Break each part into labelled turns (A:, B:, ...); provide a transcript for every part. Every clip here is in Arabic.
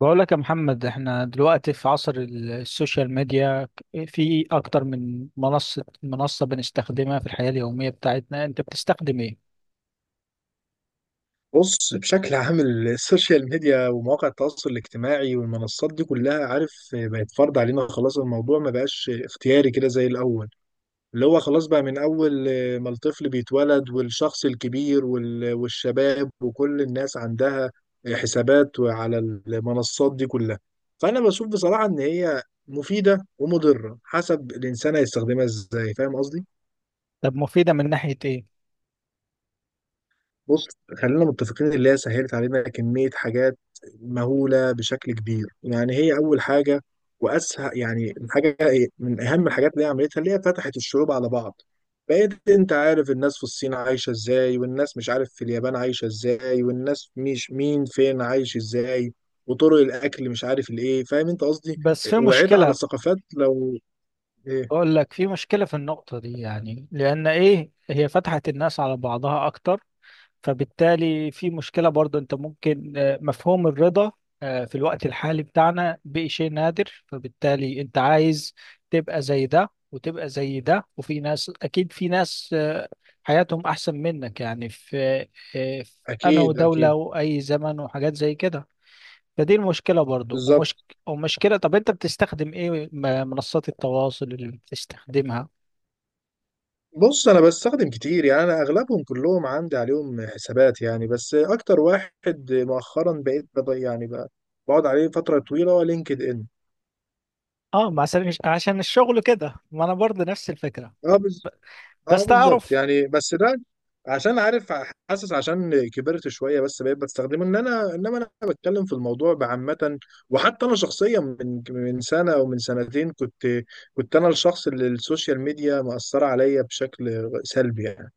A: بقول لك يا محمد احنا دلوقتي في عصر السوشيال ميديا. في اكتر من منصة بنستخدمها في الحياة اليومية بتاعتنا، انت بتستخدم ايه؟
B: بص، بشكل عام السوشيال ميديا ومواقع التواصل الاجتماعي والمنصات دي كلها عارف بقت فرض علينا خلاص. الموضوع ما بقاش اختياري كده زي الأول، اللي هو خلاص بقى من أول ما الطفل بيتولد والشخص الكبير والشباب وكل الناس عندها حسابات على المنصات دي كلها. فأنا بشوف بصراحة إن هي مفيدة ومضرة حسب الإنسان هيستخدمها إزاي، فاهم قصدي؟
A: طب مفيدة من ناحية ايه؟
B: بص، خلينا متفقين اللي هي سهلت علينا كمية حاجات مهولة بشكل كبير. يعني هي أول حاجة وأسهل، يعني الحاجة من أهم الحاجات اللي هي عملتها اللي هي فتحت الشعوب على بعض. بقيت أنت عارف الناس في الصين عايشة إزاي، والناس مش عارف في اليابان عايشة إزاي، والناس مش مين فين عايش إزاي، وطرق الأكل مش عارف الإيه، فاهم أنت قصدي.
A: بس في
B: وعيت على
A: مشكلة.
B: ثقافات لو إيه.
A: بقول لك في مشكلة في النقطة دي، يعني لان ايه، هي فتحت الناس على بعضها اكتر، فبالتالي في مشكلة برضو. انت ممكن مفهوم الرضا في الوقت الحالي بتاعنا بقى شيء نادر، فبالتالي انت عايز تبقى زي ده وتبقى زي ده، وفي ناس اكيد، في ناس حياتهم احسن منك، يعني في في انا
B: أكيد أكيد.
A: دولة واي زمن وحاجات زي كده. فدي المشكلة برضو. ومش
B: بالظبط.
A: ومشكلة. طب انت بتستخدم ايه منصات التواصل اللي بتستخدمها؟
B: بص، انا بستخدم كتير يعني، انا اغلبهم كلهم عندي عليهم حسابات يعني. بس اكتر واحد مؤخرا بقيت بقعد عليه فتره طويله هو لينكد ان.
A: اه، ما عشان الشغل كده، ما انا برضو نفس الفكرة.
B: اه بز... اه
A: بس
B: بالظبط،
A: تعرف،
B: يعني بس ده عشان عارف، حاسس عشان كبرت شويه بس بقيت بستخدمه. ان انا انما انا بتكلم في الموضوع بعامه. وحتى انا شخصيا من سنه او من سنتين كنت انا الشخص اللي السوشيال ميديا مأثره عليا بشكل سلبي يعني.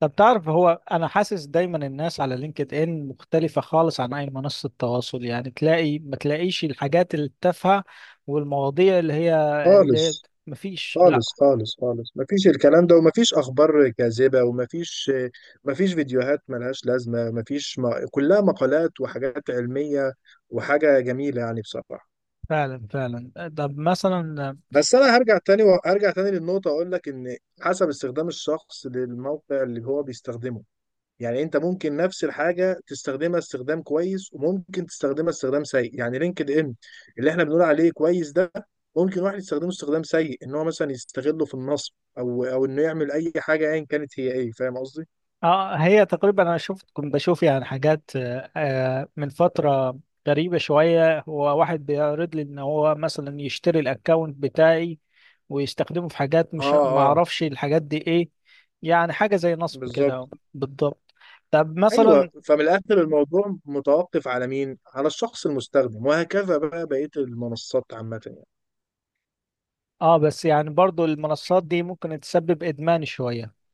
A: طب تعرف، هو انا حاسس دايما الناس على لينكد ان مختلفة خالص عن اي منصة تواصل. يعني تلاقي، ما تلاقيش الحاجات التافهة والمواضيع اللي هي، اللي
B: خالص
A: مفيش، لا،
B: خالص خالص خالص، مفيش الكلام ده، ومفيش اخبار كاذبه، ومفيش مفيش فيديوهات ملهاش لازمه، مفيش ما... كلها مقالات وحاجات علميه وحاجه جميله يعني بصراحه.
A: فعلا فعلا. طب مثلا،
B: بس انا هرجع تاني وهرجع تاني للنقطه، اقول لك ان حسب استخدام الشخص للموقع اللي هو بيستخدمه. يعني انت ممكن نفس الحاجه تستخدمها استخدام كويس، وممكن تستخدمها استخدام سيء. يعني لينكد ان اللي احنا بنقول عليه كويس ده، ممكن واحد يستخدمه استخدام سيء ان هو مثلا يستغله في النصب، او انه يعمل اي حاجه ايا كانت هي ايه، فاهم قصدي.
A: اه، هي تقريبا انا شفت، كنت بشوف يعني حاجات من فترة، غريبة شوية، هو واحد بيعرض لي ان هو مثلا يشتري الاكونت بتاعي ويستخدمه في حاجات
B: اه
A: مش، ما
B: اه،
A: اعرفش الحاجات دي ايه، يعني حاجة زي نصب
B: بالظبط.
A: كده. بالضبط. طب
B: ايوه،
A: مثلا،
B: فمن الاخر الموضوع متوقف على مين؟ على الشخص المستخدم. وهكذا بقى بقيه المنصات عامه يعني.
A: اه بس يعني برضو المنصات دي ممكن تسبب ادمان شوية.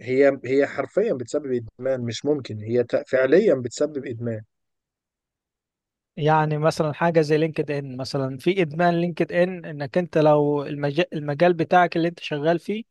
B: هي هي حرفيا بتسبب ادمان. مش ممكن، فعليا بتسبب ادمان.
A: يعني مثلا حاجه زي لينكد ان، مثلا في ادمان لينكد ان انك انت لو المجال بتاعك اللي انت شغال فيه،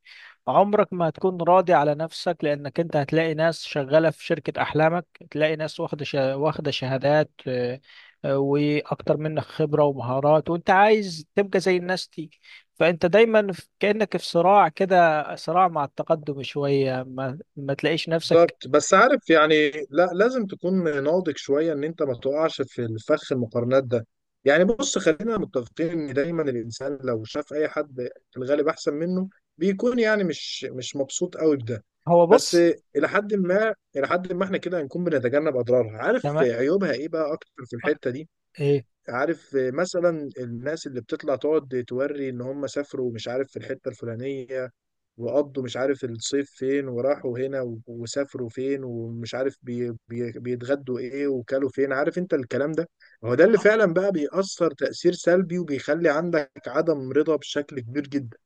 A: عمرك ما هتكون راضي على نفسك، لانك انت هتلاقي ناس شغاله في شركه احلامك، تلاقي ناس واخده شهادات واكتر منك خبره ومهارات، وانت عايز تبقى زي الناس دي. فانت دايما كانك في صراع كده، صراع مع التقدم شويه، ما تلاقيش نفسك.
B: بالظبط. بس عارف يعني، لا، لازم تكون ناضج شويه ان انت ما تقعش في الفخ المقارنات ده. يعني بص، خلينا متفقين ان دايما الانسان لو شاف اي حد في الغالب احسن منه، بيكون يعني مش مبسوط قوي بده.
A: هو
B: بس
A: بص،
B: الى حد ما، الى حد ما احنا كده هنكون بنتجنب اضرارها. عارف
A: تمام.
B: عيوبها ايه بقى اكتر في
A: آه،
B: الحته دي؟
A: ايه،
B: عارف مثلا الناس اللي بتطلع تقعد توري ان هم سافروا مش عارف في الحته الفلانيه، وقضوا مش عارف الصيف فين، وراحوا هنا وسافروا فين، ومش عارف بي بيتغدوا ايه وكلوا فين، عارف انت الكلام ده. هو ده اللي
A: اه.
B: فعلا بقى بيأثر تأثير سلبي، وبيخلي عندك عدم رضا بشكل كبير جدا.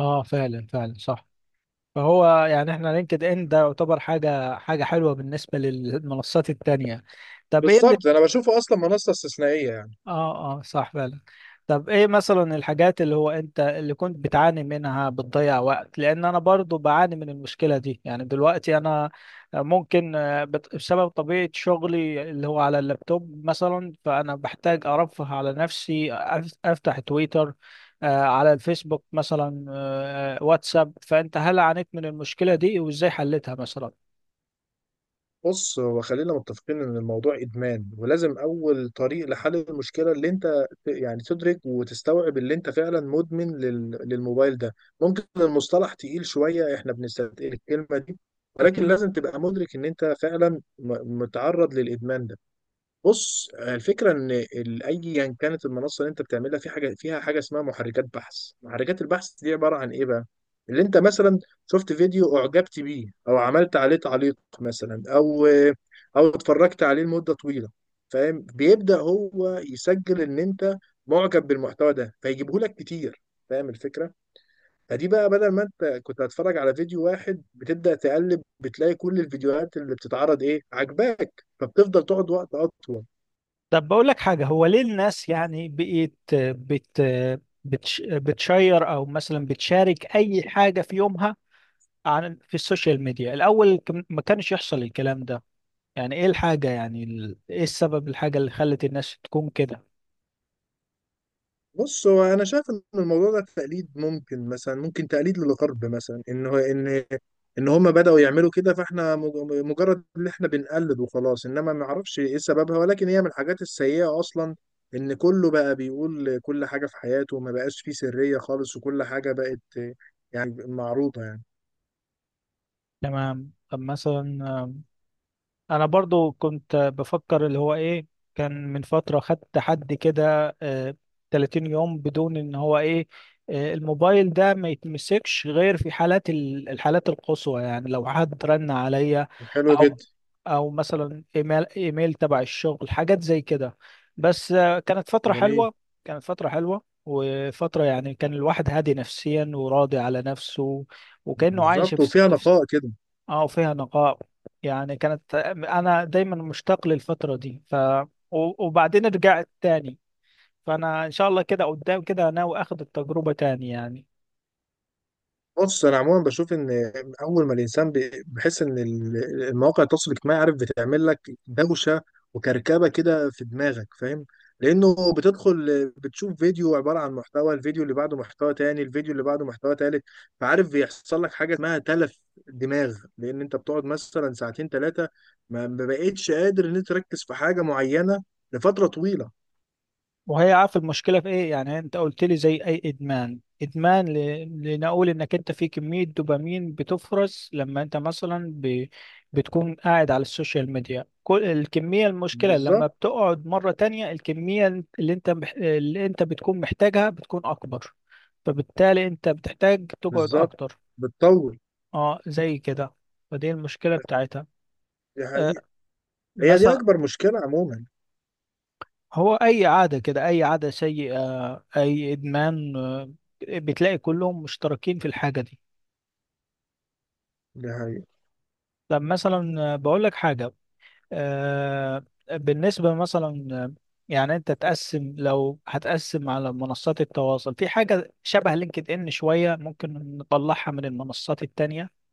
A: فعلا فعلا صح. فهو يعني احنا لينكد ان ده يعتبر حاجه حلوه بالنسبه للمنصات التانية. طب ايه اللي،
B: بالظبط، انا بشوفه اصلا منصة استثنائية يعني.
A: اه اه صح فعلا. طب ايه مثلا الحاجات اللي هو انت اللي كنت بتعاني منها، بتضيع وقت؟ لان انا برضو بعاني من المشكلة دي، يعني دلوقتي انا ممكن بسبب طبيعة شغلي اللي هو على اللابتوب مثلا، فانا بحتاج ارفه على نفسي، افتح تويتر، على الفيسبوك مثلا، واتساب. فانت هل عانيت من المشكلة دي، وازاي حلتها مثلا؟
B: بص، هو خلينا متفقين ان الموضوع ادمان. ولازم اول طريق لحل المشكله اللي انت تدرك وتستوعب اللي انت فعلا مدمن للموبايل ده. ممكن المصطلح تقيل شويه، احنا بنستثقل الكلمه دي، ولكن لازم تبقى مدرك ان انت فعلا متعرض للادمان ده. بص، الفكره ان ايا كانت المنصه اللي انت بتعملها، في حاجه فيها حاجه اسمها محركات بحث. محركات البحث دي عباره عن ايه بقى؟ اللي انت مثلا شفت فيديو اعجبت بيه، او عملت عليه تعليق مثلا، او او اتفرجت عليه لمده طويله، فاهم، بيبدا هو يسجل ان انت معجب بالمحتوى ده فيجيبه لك كتير، فاهم الفكره. فدي بقى بدل ما انت كنت هتتفرج على فيديو واحد، بتبدا تقلب، بتلاقي كل الفيديوهات اللي بتتعرض ايه عجباك، فبتفضل تقعد وقت اطول.
A: طب بقول لك حاجة، هو ليه الناس يعني بقيت بت بتش بتشير أو مثلا بتشارك أي حاجة في يومها، عن في السوشيال ميديا الأول، ما كانش يحصل الكلام ده. يعني إيه الحاجة، يعني إيه السبب، الحاجة اللي خلت الناس تكون كده.
B: بص، هو انا شايف ان الموضوع ده تقليد، ممكن مثلا ممكن تقليد للغرب مثلا، ان هو ان ان هم بداوا يعملوا كده، فاحنا مجرد ان احنا بنقلد وخلاص. انما ما اعرفش ايه سببها، ولكن هي من الحاجات السيئه اصلا، ان كله بقى بيقول كل حاجه في حياته وما بقاش فيه سريه خالص، وكل حاجه بقت يعني معروضه يعني.
A: تمام. طب مثلا، انا برضو كنت بفكر اللي هو ايه، كان من فترة خدت حد كده، 30 يوم بدون ان هو ايه، الموبايل ده ما يتمسكش غير في حالات الحالات القصوى، يعني لو حد رن عليا
B: حلو
A: او
B: جدا.
A: مثلا ايميل تبع الشغل، حاجات زي كده. بس كانت فترة
B: جميل.
A: حلوة. كانت فترة حلوة وفترة، يعني كان الواحد هادي نفسيا وراضي على نفسه، وكأنه عايش
B: بالظبط،
A: في،
B: وفيها نقاء كده.
A: اه فيها نقاء. يعني كانت انا دايما مشتاق للفتره دي، ف وبعدين رجعت تاني. فانا ان شاء الله كده قدام كده ناوي اخد التجربه تاني يعني.
B: بص، انا عموما بشوف ان اول ما الانسان بحس ان المواقع التواصل الاجتماعي عارف بتعمل لك دوشه وكركبه كده في دماغك، فاهم، لانه بتدخل بتشوف فيديو عباره عن محتوى، الفيديو اللي بعده محتوى تاني، الفيديو اللي بعده محتوى تالت. فعارف بيحصل لك حاجه اسمها تلف دماغ، لان انت بتقعد مثلا ساعتين ثلاثه، ما بقتش قادر ان انت تركز في حاجه معينه لفتره طويله.
A: وهي عارف المشكله في ايه؟ يعني انت قلت لي زي اي ادمان، لنقول انك انت في كميه دوبامين بتفرز لما انت مثلا بتكون قاعد على السوشيال ميديا، كل الكميه المشكله لما
B: بالظبط.
A: بتقعد مره تانية، الكميه اللي انت اللي انت بتكون محتاجها بتكون اكبر. فبالتالي انت بتحتاج تقعد
B: بالظبط،
A: اكتر،
B: بتطول.
A: اه زي كده. فدي المشكله بتاعتها.
B: دي
A: آه،
B: حقيقة. هي دي
A: مثلا،
B: اكبر مشكله عموما.
A: هو أي عادة كده، أي عادة سيئة، أي إدمان بتلاقي كلهم مشتركين في الحاجة دي.
B: دي حقيقة.
A: طب مثلا بقول لك حاجة، آه، بالنسبة مثلا، يعني أنت تقسم، لو هتقسم على منصات التواصل، في حاجة شبه لينكد إن شوية ممكن نطلعها من المنصات التانية؟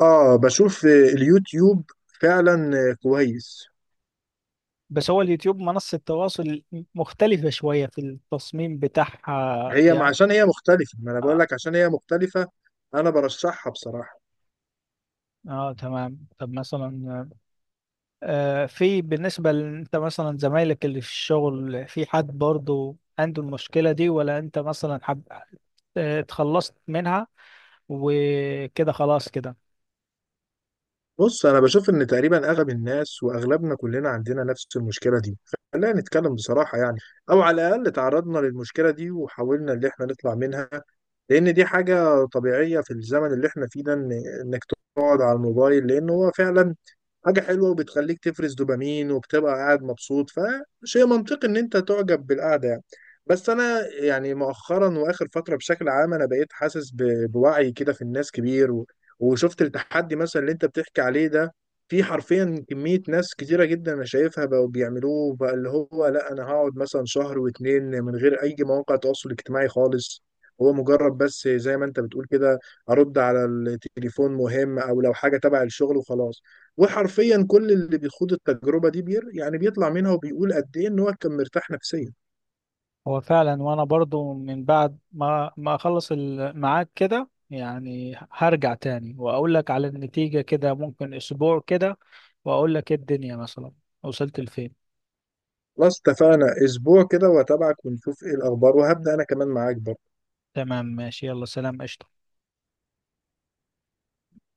B: اه، بشوف اليوتيوب فعلا كويس.
A: بس هو اليوتيوب منصة تواصل مختلفة شوية في التصميم بتاعها
B: هي
A: يعني.
B: عشان هي مختلفة، ما انا بقول
A: اه.
B: لك عشان هي مختلفة. انا برشحها بصراحة.
A: تمام. طب مثلا في بالنسبة لأنت مثلا، زمايلك اللي في الشغل في حد برضو عنده المشكلة دي، ولا أنت مثلا حب اتخلصت منها وكده خلاص كده؟
B: بص، انا بشوف ان تقريبا اغلب الناس واغلبنا كلنا عندنا نفس المشكلة دي، خلينا نتكلم بصراحة يعني. او على الاقل تعرضنا للمشكلة دي وحاولنا ان احنا نطلع منها، لان دي حاجة طبيعية في الزمن اللي احنا فيه ده، انك تقعد على الموبايل، لان هو فعلا حاجة حلوة وبتخليك تفرز دوبامين وبتبقى قاعد مبسوط. فشيء منطقي ان انت تعجب بالقعدة يعني. بس انا يعني مؤخرا واخر فترة بشكل عام، انا بقيت حاسس بوعي كده في الناس كبير وشفت التحدي مثلا اللي انت بتحكي عليه ده. في حرفيا كمية ناس كتيرة جدا انا شايفها بقوا بيعملوه بقى، اللي هو لا، انا هقعد مثلا شهر واتنين من غير اي مواقع تواصل اجتماعي خالص. هو مجرد بس زي ما انت بتقول كده، ارد على التليفون مهم، او لو حاجة تبع الشغل، وخلاص. وحرفيا كل اللي بيخوض التجربه دي بير يعني بيطلع منها وبيقول قد ايه ان هو كان مرتاح نفسيا.
A: هو فعلا، وأنا برضو من بعد ما ما أخلص معاك كده يعني هرجع تاني وأقول لك على النتيجة كده، ممكن أسبوع كده، وأقول لك إيه الدنيا مثلا وصلت لفين.
B: خلاص، اتفقنا، اسبوع كده واتابعك ونشوف ايه الاخبار، وهبدا انا كمان معاك برضه.
A: تمام ماشي، يلا سلام، قشطة.